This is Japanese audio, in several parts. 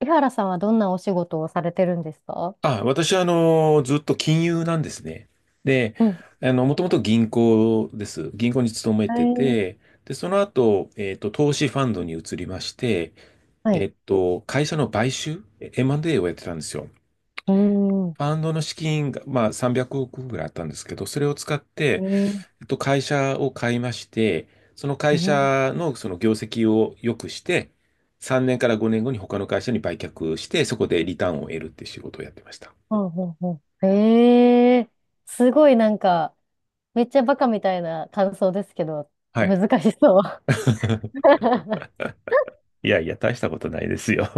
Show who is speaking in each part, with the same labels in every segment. Speaker 1: 井原さんはどんなお仕事をされてるんですか？
Speaker 2: あ、私は、ずっと金融なんですね。で、
Speaker 1: うん。
Speaker 2: もともと銀行です。銀行に勤め
Speaker 1: は
Speaker 2: て
Speaker 1: い。
Speaker 2: て、で、その後、投資ファンドに移りまして、
Speaker 1: はい。
Speaker 2: 会社の買収、M&A をやってたんですよ。
Speaker 1: うーん。
Speaker 2: ファンドの資金が、まあ、300億ぐらいあったんですけど、それを使っ
Speaker 1: え
Speaker 2: て、
Speaker 1: ー、
Speaker 2: 会社を買いまして、その
Speaker 1: う
Speaker 2: 会
Speaker 1: ん。うん
Speaker 2: 社のその業績を良くして、3年から5年後に他の会社に売却して、そこでリターンを得るっていう仕事をやってました。
Speaker 1: うんうん。えー。すごいなんか、めっちゃバカみたいな感想ですけど、
Speaker 2: はい。
Speaker 1: 難しそう。
Speaker 2: いやいや、大したことないですよ。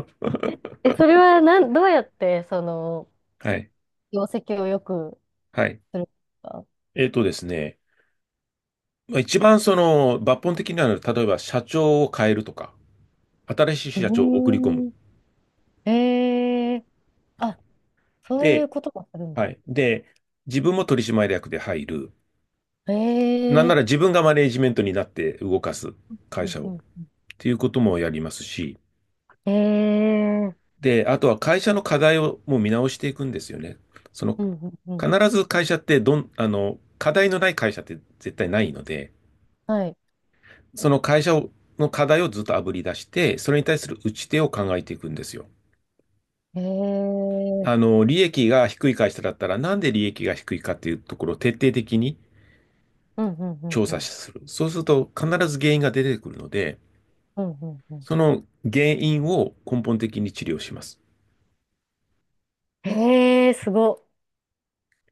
Speaker 1: え、それ はなん、どうやって、
Speaker 2: はい。
Speaker 1: 業績を良く
Speaker 2: はい。
Speaker 1: するんですか？
Speaker 2: えっとですね。まあ一番その抜本的なのは、例えば社長を変えるとか、新しい
Speaker 1: う
Speaker 2: 社長を送り込む。
Speaker 1: ーん。ええ、あ、そうい
Speaker 2: で、
Speaker 1: うこともするんだ。
Speaker 2: はい。で、自分も取締役で入る。
Speaker 1: え
Speaker 2: なんなら
Speaker 1: え、
Speaker 2: 自分がマネージメントになって動かす会
Speaker 1: うん
Speaker 2: 社を。
Speaker 1: う
Speaker 2: っ
Speaker 1: んうん。
Speaker 2: ていうこともやりますし。
Speaker 1: ええ、
Speaker 2: で、あとは会社の課題をもう見直していくんですよね。その、
Speaker 1: うんうんうん。
Speaker 2: 必ず会社って課題のない会社って絶対ないので、
Speaker 1: はい、
Speaker 2: その会社をの課題をずっと炙り出して、それに対する打ち手を考えていくんですよ。
Speaker 1: へえ、うん
Speaker 2: 利益が低い会社だったら、なんで利益が低いかっていうところを徹底的に
Speaker 1: うんうん
Speaker 2: 調
Speaker 1: う
Speaker 2: 査
Speaker 1: ん。
Speaker 2: する。そうすると必ず原因が出てくるので、
Speaker 1: うんうんうん。
Speaker 2: その原因を根本的に治療します。
Speaker 1: へえ、すごっ。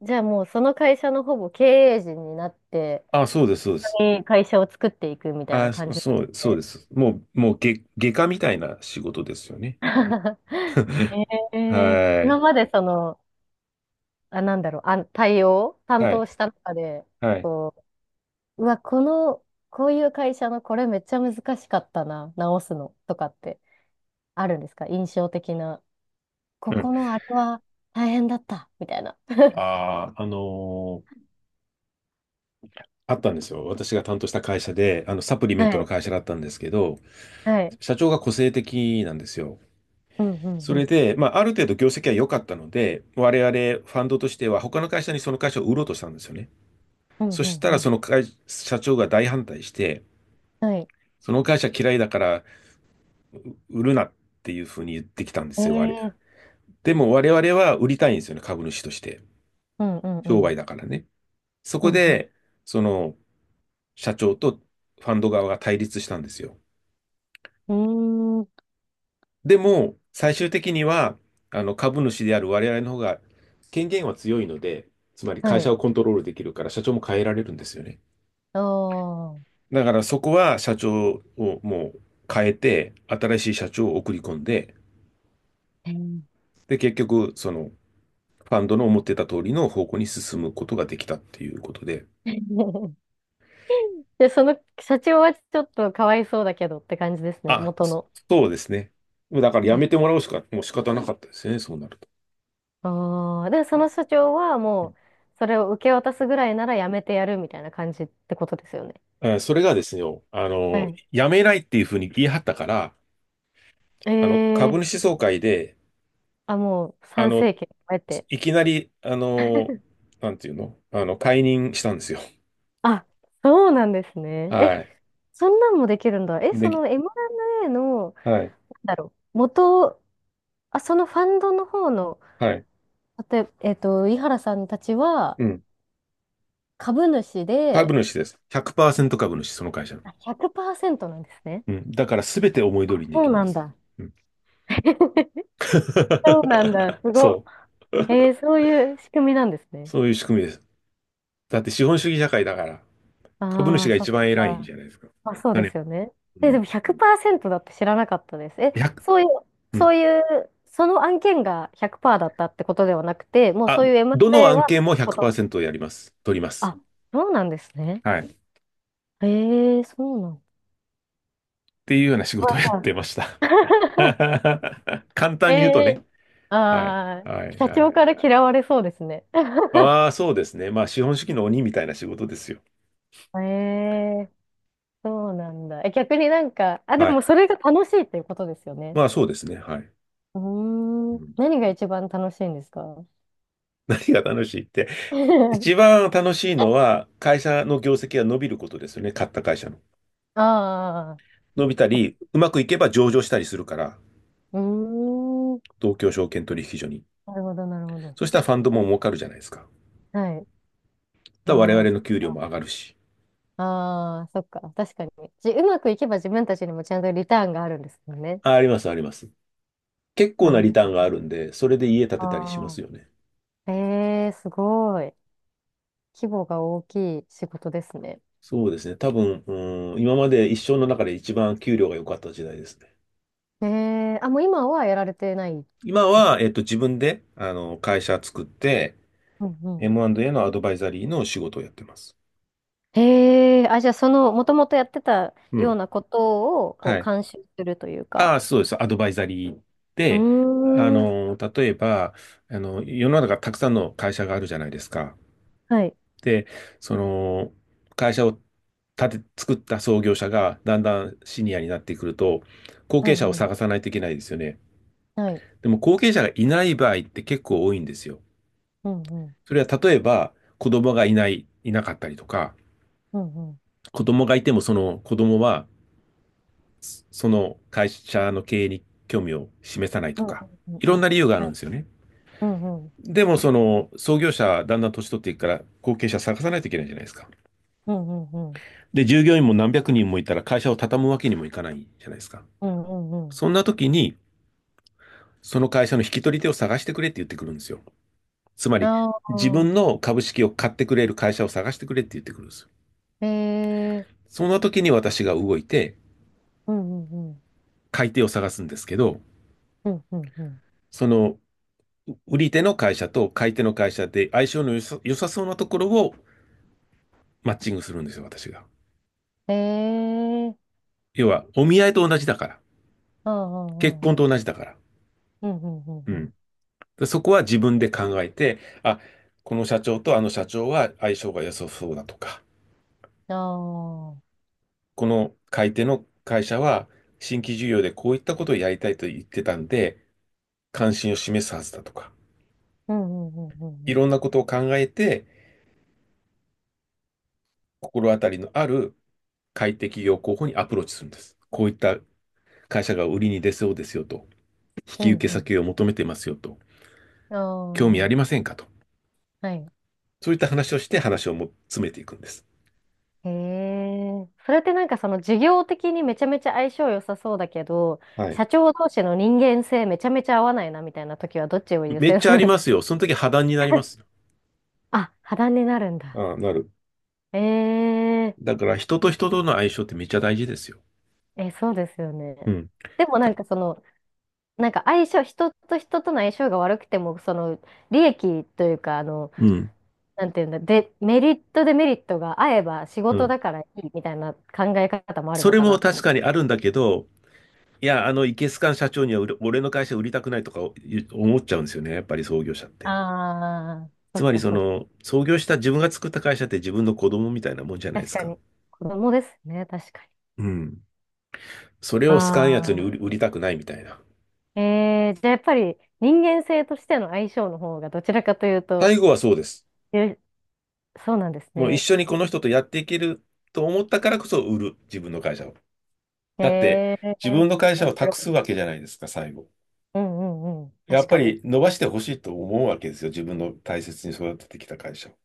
Speaker 1: じゃあもうその会社のほぼ経営陣になって、
Speaker 2: あ、そうです、そうです。
Speaker 1: 会社を作っていくみたいな
Speaker 2: あ、
Speaker 1: 感じなん
Speaker 2: そ
Speaker 1: です
Speaker 2: う、そう
Speaker 1: ね。
Speaker 2: です。もう外科みたいな仕事ですよね。
Speaker 1: へ え、
Speaker 2: は
Speaker 1: 今
Speaker 2: い。
Speaker 1: まで担
Speaker 2: は
Speaker 1: 当
Speaker 2: い。
Speaker 1: した中で、
Speaker 2: はい。
Speaker 1: こう、うわ、この、こういう会社のこれめっちゃ難しかったな、直すのとかってあるんですか？印象的な。こ
Speaker 2: うん。
Speaker 1: このあれは大変だった、みたいな。
Speaker 2: ああ、あったんですよ。私が担当した会社で、サプリメン
Speaker 1: は
Speaker 2: トの
Speaker 1: い。
Speaker 2: 会社だったんですけど、
Speaker 1: はい、
Speaker 2: 社長が個性的なんですよ。
Speaker 1: うんうん
Speaker 2: そ
Speaker 1: う
Speaker 2: れ
Speaker 1: ん。
Speaker 2: で、まあ、ある程度業績は良かったので、我々ファンドとしては他の会社にその会社を売ろうとしたんですよね。
Speaker 1: うん
Speaker 2: そ
Speaker 1: う
Speaker 2: し
Speaker 1: ん
Speaker 2: た
Speaker 1: う
Speaker 2: らそ
Speaker 1: ん。
Speaker 2: の会、社長が大反対して、
Speaker 1: はい。
Speaker 2: その会社嫌いだから売るなっていうふうに言ってきたんですよ、あれ。
Speaker 1: ええ、
Speaker 2: でも我々は売りたいんですよね、株主として。
Speaker 1: うんうんう
Speaker 2: 商売
Speaker 1: ん。
Speaker 2: だからね。そ
Speaker 1: う
Speaker 2: こ
Speaker 1: んう
Speaker 2: で、その社長とファンド側が対立したんですよ。
Speaker 1: ん。うーん。
Speaker 2: でも、最終的には、株主である我々の方が権限は強いので、つまり会
Speaker 1: は
Speaker 2: 社
Speaker 1: い。
Speaker 2: をコントロールできるから社長も変えられるんですよね。
Speaker 1: あ、
Speaker 2: だからそこは社長をもう変えて、新しい社長を送り込んで、
Speaker 1: えー。
Speaker 2: で、結局、ファンドの思ってた通りの方向に進むことができたっていうことで。
Speaker 1: で、その社長はちょっとかわいそうだけどって感じですね、
Speaker 2: あ、
Speaker 1: 元
Speaker 2: そ
Speaker 1: の。
Speaker 2: そうですね。だからや
Speaker 1: え、
Speaker 2: めてもらうしか、もう仕方なかったですね、そうなると。
Speaker 1: ああ。で、そ
Speaker 2: う
Speaker 1: の社長はもう、
Speaker 2: ん
Speaker 1: それを受け渡すぐらいならやめてやるみたいな感じってことですよね。
Speaker 2: それがですよ、
Speaker 1: はい。
Speaker 2: やめないっていうふうに言い張ったから、
Speaker 1: え
Speaker 2: 株
Speaker 1: え、
Speaker 2: 主総会で、
Speaker 1: あ、もう
Speaker 2: あ
Speaker 1: 参
Speaker 2: の、
Speaker 1: 政権を得て。
Speaker 2: いきなり、なんていうのあの、解任したんですよ。
Speaker 1: あ、そうなんですね。
Speaker 2: は
Speaker 1: え、
Speaker 2: い。
Speaker 1: そんなんもできるんだ。え、そ
Speaker 2: で、
Speaker 1: の M&A の、
Speaker 2: はい。
Speaker 1: だろう。元、あ、そのファンドの方の、
Speaker 2: はい。
Speaker 1: 例えば、井原さんたちは
Speaker 2: うん。
Speaker 1: 株主
Speaker 2: 株
Speaker 1: で、
Speaker 2: 主です。100%株主、その会社の。
Speaker 1: あ、100%なんですね。
Speaker 2: うん。だから全て思い通
Speaker 1: あ、
Speaker 2: りにで
Speaker 1: そ
Speaker 2: き
Speaker 1: う
Speaker 2: るん
Speaker 1: な
Speaker 2: で
Speaker 1: ん
Speaker 2: す。
Speaker 1: だ。
Speaker 2: うん。
Speaker 1: そうなんだ。すごっ。
Speaker 2: そう。
Speaker 1: えー、そういう仕組みなんですね。
Speaker 2: そういう仕組みです。だって資本主義社会だから、株
Speaker 1: あ
Speaker 2: 主
Speaker 1: あ、
Speaker 2: が
Speaker 1: そ
Speaker 2: 一
Speaker 1: っ
Speaker 2: 番偉いん
Speaker 1: か。
Speaker 2: じゃないですか。
Speaker 1: まあ、そう
Speaker 2: だ
Speaker 1: で
Speaker 2: ね。
Speaker 1: すよね。
Speaker 2: う
Speaker 1: え、で
Speaker 2: ん。
Speaker 1: も100%だって知らなかったです。え、
Speaker 2: 1
Speaker 1: そういう、
Speaker 2: う
Speaker 1: そ
Speaker 2: ん。
Speaker 1: ういう、その案件が100%だったってことではなくて、もう
Speaker 2: あ、
Speaker 1: そういう
Speaker 2: どの
Speaker 1: M&A
Speaker 2: 案
Speaker 1: は
Speaker 2: 件
Speaker 1: そう
Speaker 2: も
Speaker 1: いうこと。
Speaker 2: 100%やります。取ります。
Speaker 1: あ、そうなんですね。
Speaker 2: はい。っ
Speaker 1: えー、そうなん
Speaker 2: ていうような仕事をやっ
Speaker 1: だ。
Speaker 2: てました。簡
Speaker 1: え
Speaker 2: 単に言うとね。
Speaker 1: え、
Speaker 2: はい。
Speaker 1: ああ
Speaker 2: は
Speaker 1: ー、
Speaker 2: い。
Speaker 1: 社
Speaker 2: はい。
Speaker 1: 長から嫌われそうですね。
Speaker 2: ああ、そうですね。まあ、資本主義の鬼みたいな仕事ですよ。
Speaker 1: ええ、そうなんだ。え、逆になんか、あ、で
Speaker 2: はい。
Speaker 1: もそれが楽しいっていうことですよね。
Speaker 2: まあ、そうですね。はい。
Speaker 1: う
Speaker 2: う
Speaker 1: ーん、
Speaker 2: ん、
Speaker 1: 何が一番楽しいんですか？
Speaker 2: 何が楽しいって。一 番楽しいのは、会社の業績が伸びることですよね。買った会社の。
Speaker 1: あ
Speaker 2: 伸びた
Speaker 1: あ、
Speaker 2: り、うまくいけば上場したりするから、
Speaker 1: うーん、
Speaker 2: 東京証券取引所に。
Speaker 1: なるほど、なるほど。
Speaker 2: そしたらファンドも儲かるじゃないですか。
Speaker 1: はい。
Speaker 2: だから我
Speaker 1: まあ、
Speaker 2: 々の給料も上がるし。
Speaker 1: ああ、そっか。確かに。うまくいけば自分たちにもちゃんとリターンがあるんですもんね。
Speaker 2: あ、あります、あります。結構
Speaker 1: な
Speaker 2: な
Speaker 1: るほ
Speaker 2: リターン
Speaker 1: ど。
Speaker 2: があるんで、それで家建てたりしま
Speaker 1: あ
Speaker 2: すよね。
Speaker 1: あ、ええ、すごい。規模が大きい仕事ですね。
Speaker 2: そうですね。多分、うん、今まで一生の中で一番給料が良かった時代ですね。
Speaker 1: えー、あ、もう今はやられてない
Speaker 2: 今
Speaker 1: でしたっ
Speaker 2: は、
Speaker 1: け？
Speaker 2: 自分で、会社作って、
Speaker 1: うんうん。
Speaker 2: M&A のアドバイザリーの仕事をやってます。
Speaker 1: へえ、あ、じゃあその、もともとやってた
Speaker 2: う
Speaker 1: よう
Speaker 2: ん。
Speaker 1: なことを、こ
Speaker 2: は
Speaker 1: う、
Speaker 2: い。
Speaker 1: 監修するというか。
Speaker 2: ああ、そうです。アドバイザリー
Speaker 1: うー
Speaker 2: で、
Speaker 1: ん。
Speaker 2: 例えば、世の中たくさんの会社があるじゃないですか。
Speaker 1: はい。
Speaker 2: で、その、会社を作った創業者がだんだんシニアになってくると、後
Speaker 1: う
Speaker 2: 継者を
Speaker 1: んうん。
Speaker 2: 探さないといけないですよね。
Speaker 1: はい。
Speaker 2: でも後継者がいない場合って結構多いんですよ。
Speaker 1: うんうん。
Speaker 2: それは例えば子供がいなかったりとか、
Speaker 1: うんうん。
Speaker 2: 子供がいてもその子供はその会社の経営に興味を示さないと
Speaker 1: うん
Speaker 2: か、
Speaker 1: うん
Speaker 2: い
Speaker 1: うん
Speaker 2: ろ
Speaker 1: う
Speaker 2: ん
Speaker 1: ん。
Speaker 2: な理由があ
Speaker 1: は
Speaker 2: る
Speaker 1: い、
Speaker 2: んですよね。
Speaker 1: うんうん。
Speaker 2: でもその創業者だんだん年取っていくから後継者探さないといけないじゃないですか。
Speaker 1: うんうんうん。
Speaker 2: で、従業員も何百人もいたら会社を畳むわけにもいかないじゃないですか。
Speaker 1: うんうんうん。
Speaker 2: そんな時にその会社の引き取り手を探してくれって言ってくるんですよ。つまり
Speaker 1: あ
Speaker 2: 自分
Speaker 1: あ。
Speaker 2: の株式を買ってくれる会社を探してくれって言ってくるんですよ。
Speaker 1: ええ。
Speaker 2: その時に私が動いて、
Speaker 1: うんうんうん。
Speaker 2: 買い手を探すんですけど、
Speaker 1: うんうんうん。
Speaker 2: その、売り手の会社と買い手の会社で相性の良さそうなところをマッチングするんですよ、私が。
Speaker 1: ええ。
Speaker 2: 要は、お見合いと同じだから。
Speaker 1: ああ。う
Speaker 2: 結
Speaker 1: んう
Speaker 2: 婚
Speaker 1: んう
Speaker 2: と
Speaker 1: ん。
Speaker 2: 同じだから。
Speaker 1: うんうん
Speaker 2: う
Speaker 1: う
Speaker 2: ん。
Speaker 1: ん。
Speaker 2: でそこは自分で考えて、あ、この社長とあの社長は相性が良さそうだとか、
Speaker 1: ああ。
Speaker 2: この買い手の会社は新規事業でこういったことをやりたいと言ってたんで、関心を示すはずだとか、
Speaker 1: うんうんうんうんう
Speaker 2: い
Speaker 1: ん。
Speaker 2: ろんなことを考えて、心当たりのある快適業候補にアプローチするんです。こういった会社が売りに出そうですよと、引
Speaker 1: う
Speaker 2: き受
Speaker 1: ん
Speaker 2: け
Speaker 1: うん。
Speaker 2: 先を求めてますよと、興味ありま
Speaker 1: あ
Speaker 2: せんかと、
Speaker 1: あ、はい。
Speaker 2: そういった話をして話をも詰めていくんです。
Speaker 1: へえ。それってなんかその事業的にめちゃめちゃ相性良さそうだけど、
Speaker 2: はい。
Speaker 1: 社長同士の人間性めちゃめちゃ合わないなみたいな時はどっちを優
Speaker 2: めっ
Speaker 1: 先
Speaker 2: ち
Speaker 1: す
Speaker 2: ゃあ
Speaker 1: る
Speaker 2: り
Speaker 1: の？
Speaker 2: ますよ。その時破談になりま すよ。
Speaker 1: あ、破談になるんだ。
Speaker 2: ああ、なる。
Speaker 1: ええ。
Speaker 2: だから人と人との相性ってめっちゃ大事ですよ。
Speaker 1: え、そうですよね。
Speaker 2: うん。
Speaker 1: でもな
Speaker 2: た
Speaker 1: んかその、なんか相性、人と人との相性が悪くても、その利益というか、
Speaker 2: うん。
Speaker 1: なんていうんだ、で、メリットデメリットが合えば仕
Speaker 2: う
Speaker 1: 事
Speaker 2: ん。
Speaker 1: だからいいみたいな考え方もある
Speaker 2: そ
Speaker 1: の
Speaker 2: れ
Speaker 1: か
Speaker 2: も
Speaker 1: なと
Speaker 2: 確
Speaker 1: 思っ
Speaker 2: かに
Speaker 1: て。
Speaker 2: あるんだけど、いや、イケスカん社長には俺の会社売りたくないとか思っちゃうんですよね。やっぱり創業者っ
Speaker 1: あ
Speaker 2: て。
Speaker 1: あ、そ
Speaker 2: つ
Speaker 1: っ
Speaker 2: まり
Speaker 1: か、そっか。
Speaker 2: 創業した自分が作った会社って自分の子供みたいなもんじゃないで
Speaker 1: 確
Speaker 2: す
Speaker 1: か
Speaker 2: か。
Speaker 1: に。子供ですね、確かに。
Speaker 2: うん。それ
Speaker 1: あ、
Speaker 2: を好かんやつに
Speaker 1: あ、
Speaker 2: 売りたくないみたいな。
Speaker 1: えー、じゃあやっぱり人間性としての相性の方がどちらかというと、
Speaker 2: 最後はそうです。
Speaker 1: え、そうなんです
Speaker 2: もう一
Speaker 1: ね。
Speaker 2: 緒にこの人とやっていけると思ったからこそ売る、自分の会社を。だって、
Speaker 1: えー、
Speaker 2: 自分の会社
Speaker 1: 面
Speaker 2: を
Speaker 1: 白
Speaker 2: 託す
Speaker 1: い。
Speaker 2: わけじゃないですか、最後。
Speaker 1: うんうんうん。
Speaker 2: やっ
Speaker 1: 確
Speaker 2: ぱ
Speaker 1: かに。
Speaker 2: り伸ばしてほしいと思うわけですよ。自分の大切に育ててきた会社を。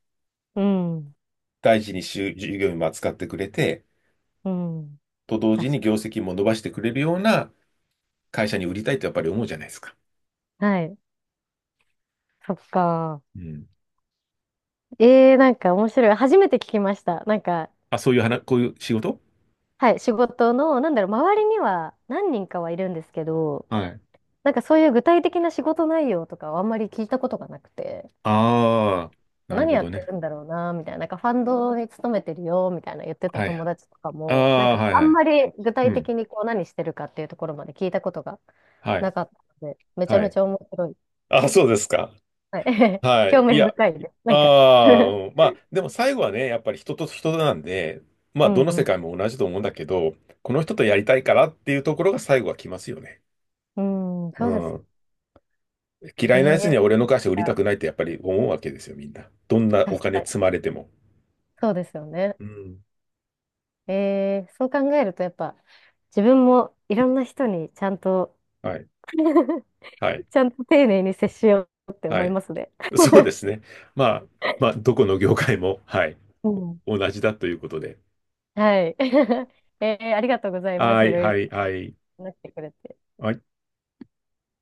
Speaker 1: うん。
Speaker 2: 大事に従業員も扱ってくれて、
Speaker 1: うん。
Speaker 2: と同時
Speaker 1: 確
Speaker 2: に業
Speaker 1: か
Speaker 2: 績も伸ばしてくれるような会社に売りたいとやっぱり思うじゃないですか。
Speaker 1: に。はい。そっか。
Speaker 2: うん。
Speaker 1: ええ、なんか面白い。初めて聞きました。なんか、
Speaker 2: あ、そういう話、こういう仕事
Speaker 1: はい、仕事の、なんだろう、周りには何人かはいるんですけど、
Speaker 2: はい。
Speaker 1: なんかそういう具体的な仕事内容とかはあんまり聞いたことがなくて、
Speaker 2: ああ、なる
Speaker 1: 何
Speaker 2: ほ
Speaker 1: やっ
Speaker 2: ど
Speaker 1: て
Speaker 2: ね。
Speaker 1: るんだろうな、みたいな、なんかファンドに勤めてるよ、みたいな言ってた
Speaker 2: は
Speaker 1: 友
Speaker 2: い。
Speaker 1: 達とか
Speaker 2: あ
Speaker 1: も、なん
Speaker 2: あ、
Speaker 1: かこ
Speaker 2: はい
Speaker 1: うあ
Speaker 2: は
Speaker 1: ん
Speaker 2: い。
Speaker 1: まり具
Speaker 2: う
Speaker 1: 体
Speaker 2: ん。
Speaker 1: 的にこう何してるかっていうところまで聞いたことが
Speaker 2: は
Speaker 1: な
Speaker 2: い。
Speaker 1: かったので、めちゃ
Speaker 2: は
Speaker 1: めち
Speaker 2: い。
Speaker 1: ゃ面白い。
Speaker 2: あ、そうですか。
Speaker 1: はい。
Speaker 2: はい。
Speaker 1: 興
Speaker 2: い
Speaker 1: 味
Speaker 2: や、
Speaker 1: 深いです。
Speaker 2: あ
Speaker 1: なんか。
Speaker 2: あ、うんまあ、でも最後はね、やっぱり人と人なんで、ま
Speaker 1: う
Speaker 2: あ、どの
Speaker 1: ん
Speaker 2: 世
Speaker 1: う
Speaker 2: 界も同じと思うんだけど、この人とやりたいからっていうところが最後は来ますよね。
Speaker 1: ん。うん、
Speaker 2: う
Speaker 1: そうです。
Speaker 2: ん。嫌
Speaker 1: へ
Speaker 2: いなやつ
Speaker 1: え、
Speaker 2: には俺の
Speaker 1: そっ
Speaker 2: 会社売りた
Speaker 1: か、
Speaker 2: くないってやっぱり思うわけですよ、みんな。どんなお
Speaker 1: 確
Speaker 2: 金
Speaker 1: かに。
Speaker 2: 積まれても。
Speaker 1: そうですよね。
Speaker 2: うん。
Speaker 1: えー、そう考えるとやっぱ自分もいろんな人にちゃんと
Speaker 2: はい。はい。
Speaker 1: ちゃんと丁寧に接しようって
Speaker 2: は
Speaker 1: 思い
Speaker 2: い。
Speaker 1: ますね。
Speaker 2: そうで すね。まあ、まあ、どこの業界も、はい。
Speaker 1: うん。
Speaker 2: 同じだということで。
Speaker 1: はい。えー、ありがとうございま
Speaker 2: は
Speaker 1: す。い
Speaker 2: い、
Speaker 1: ろい
Speaker 2: は
Speaker 1: ろ
Speaker 2: い、はい。
Speaker 1: 話してくれて。
Speaker 2: はい。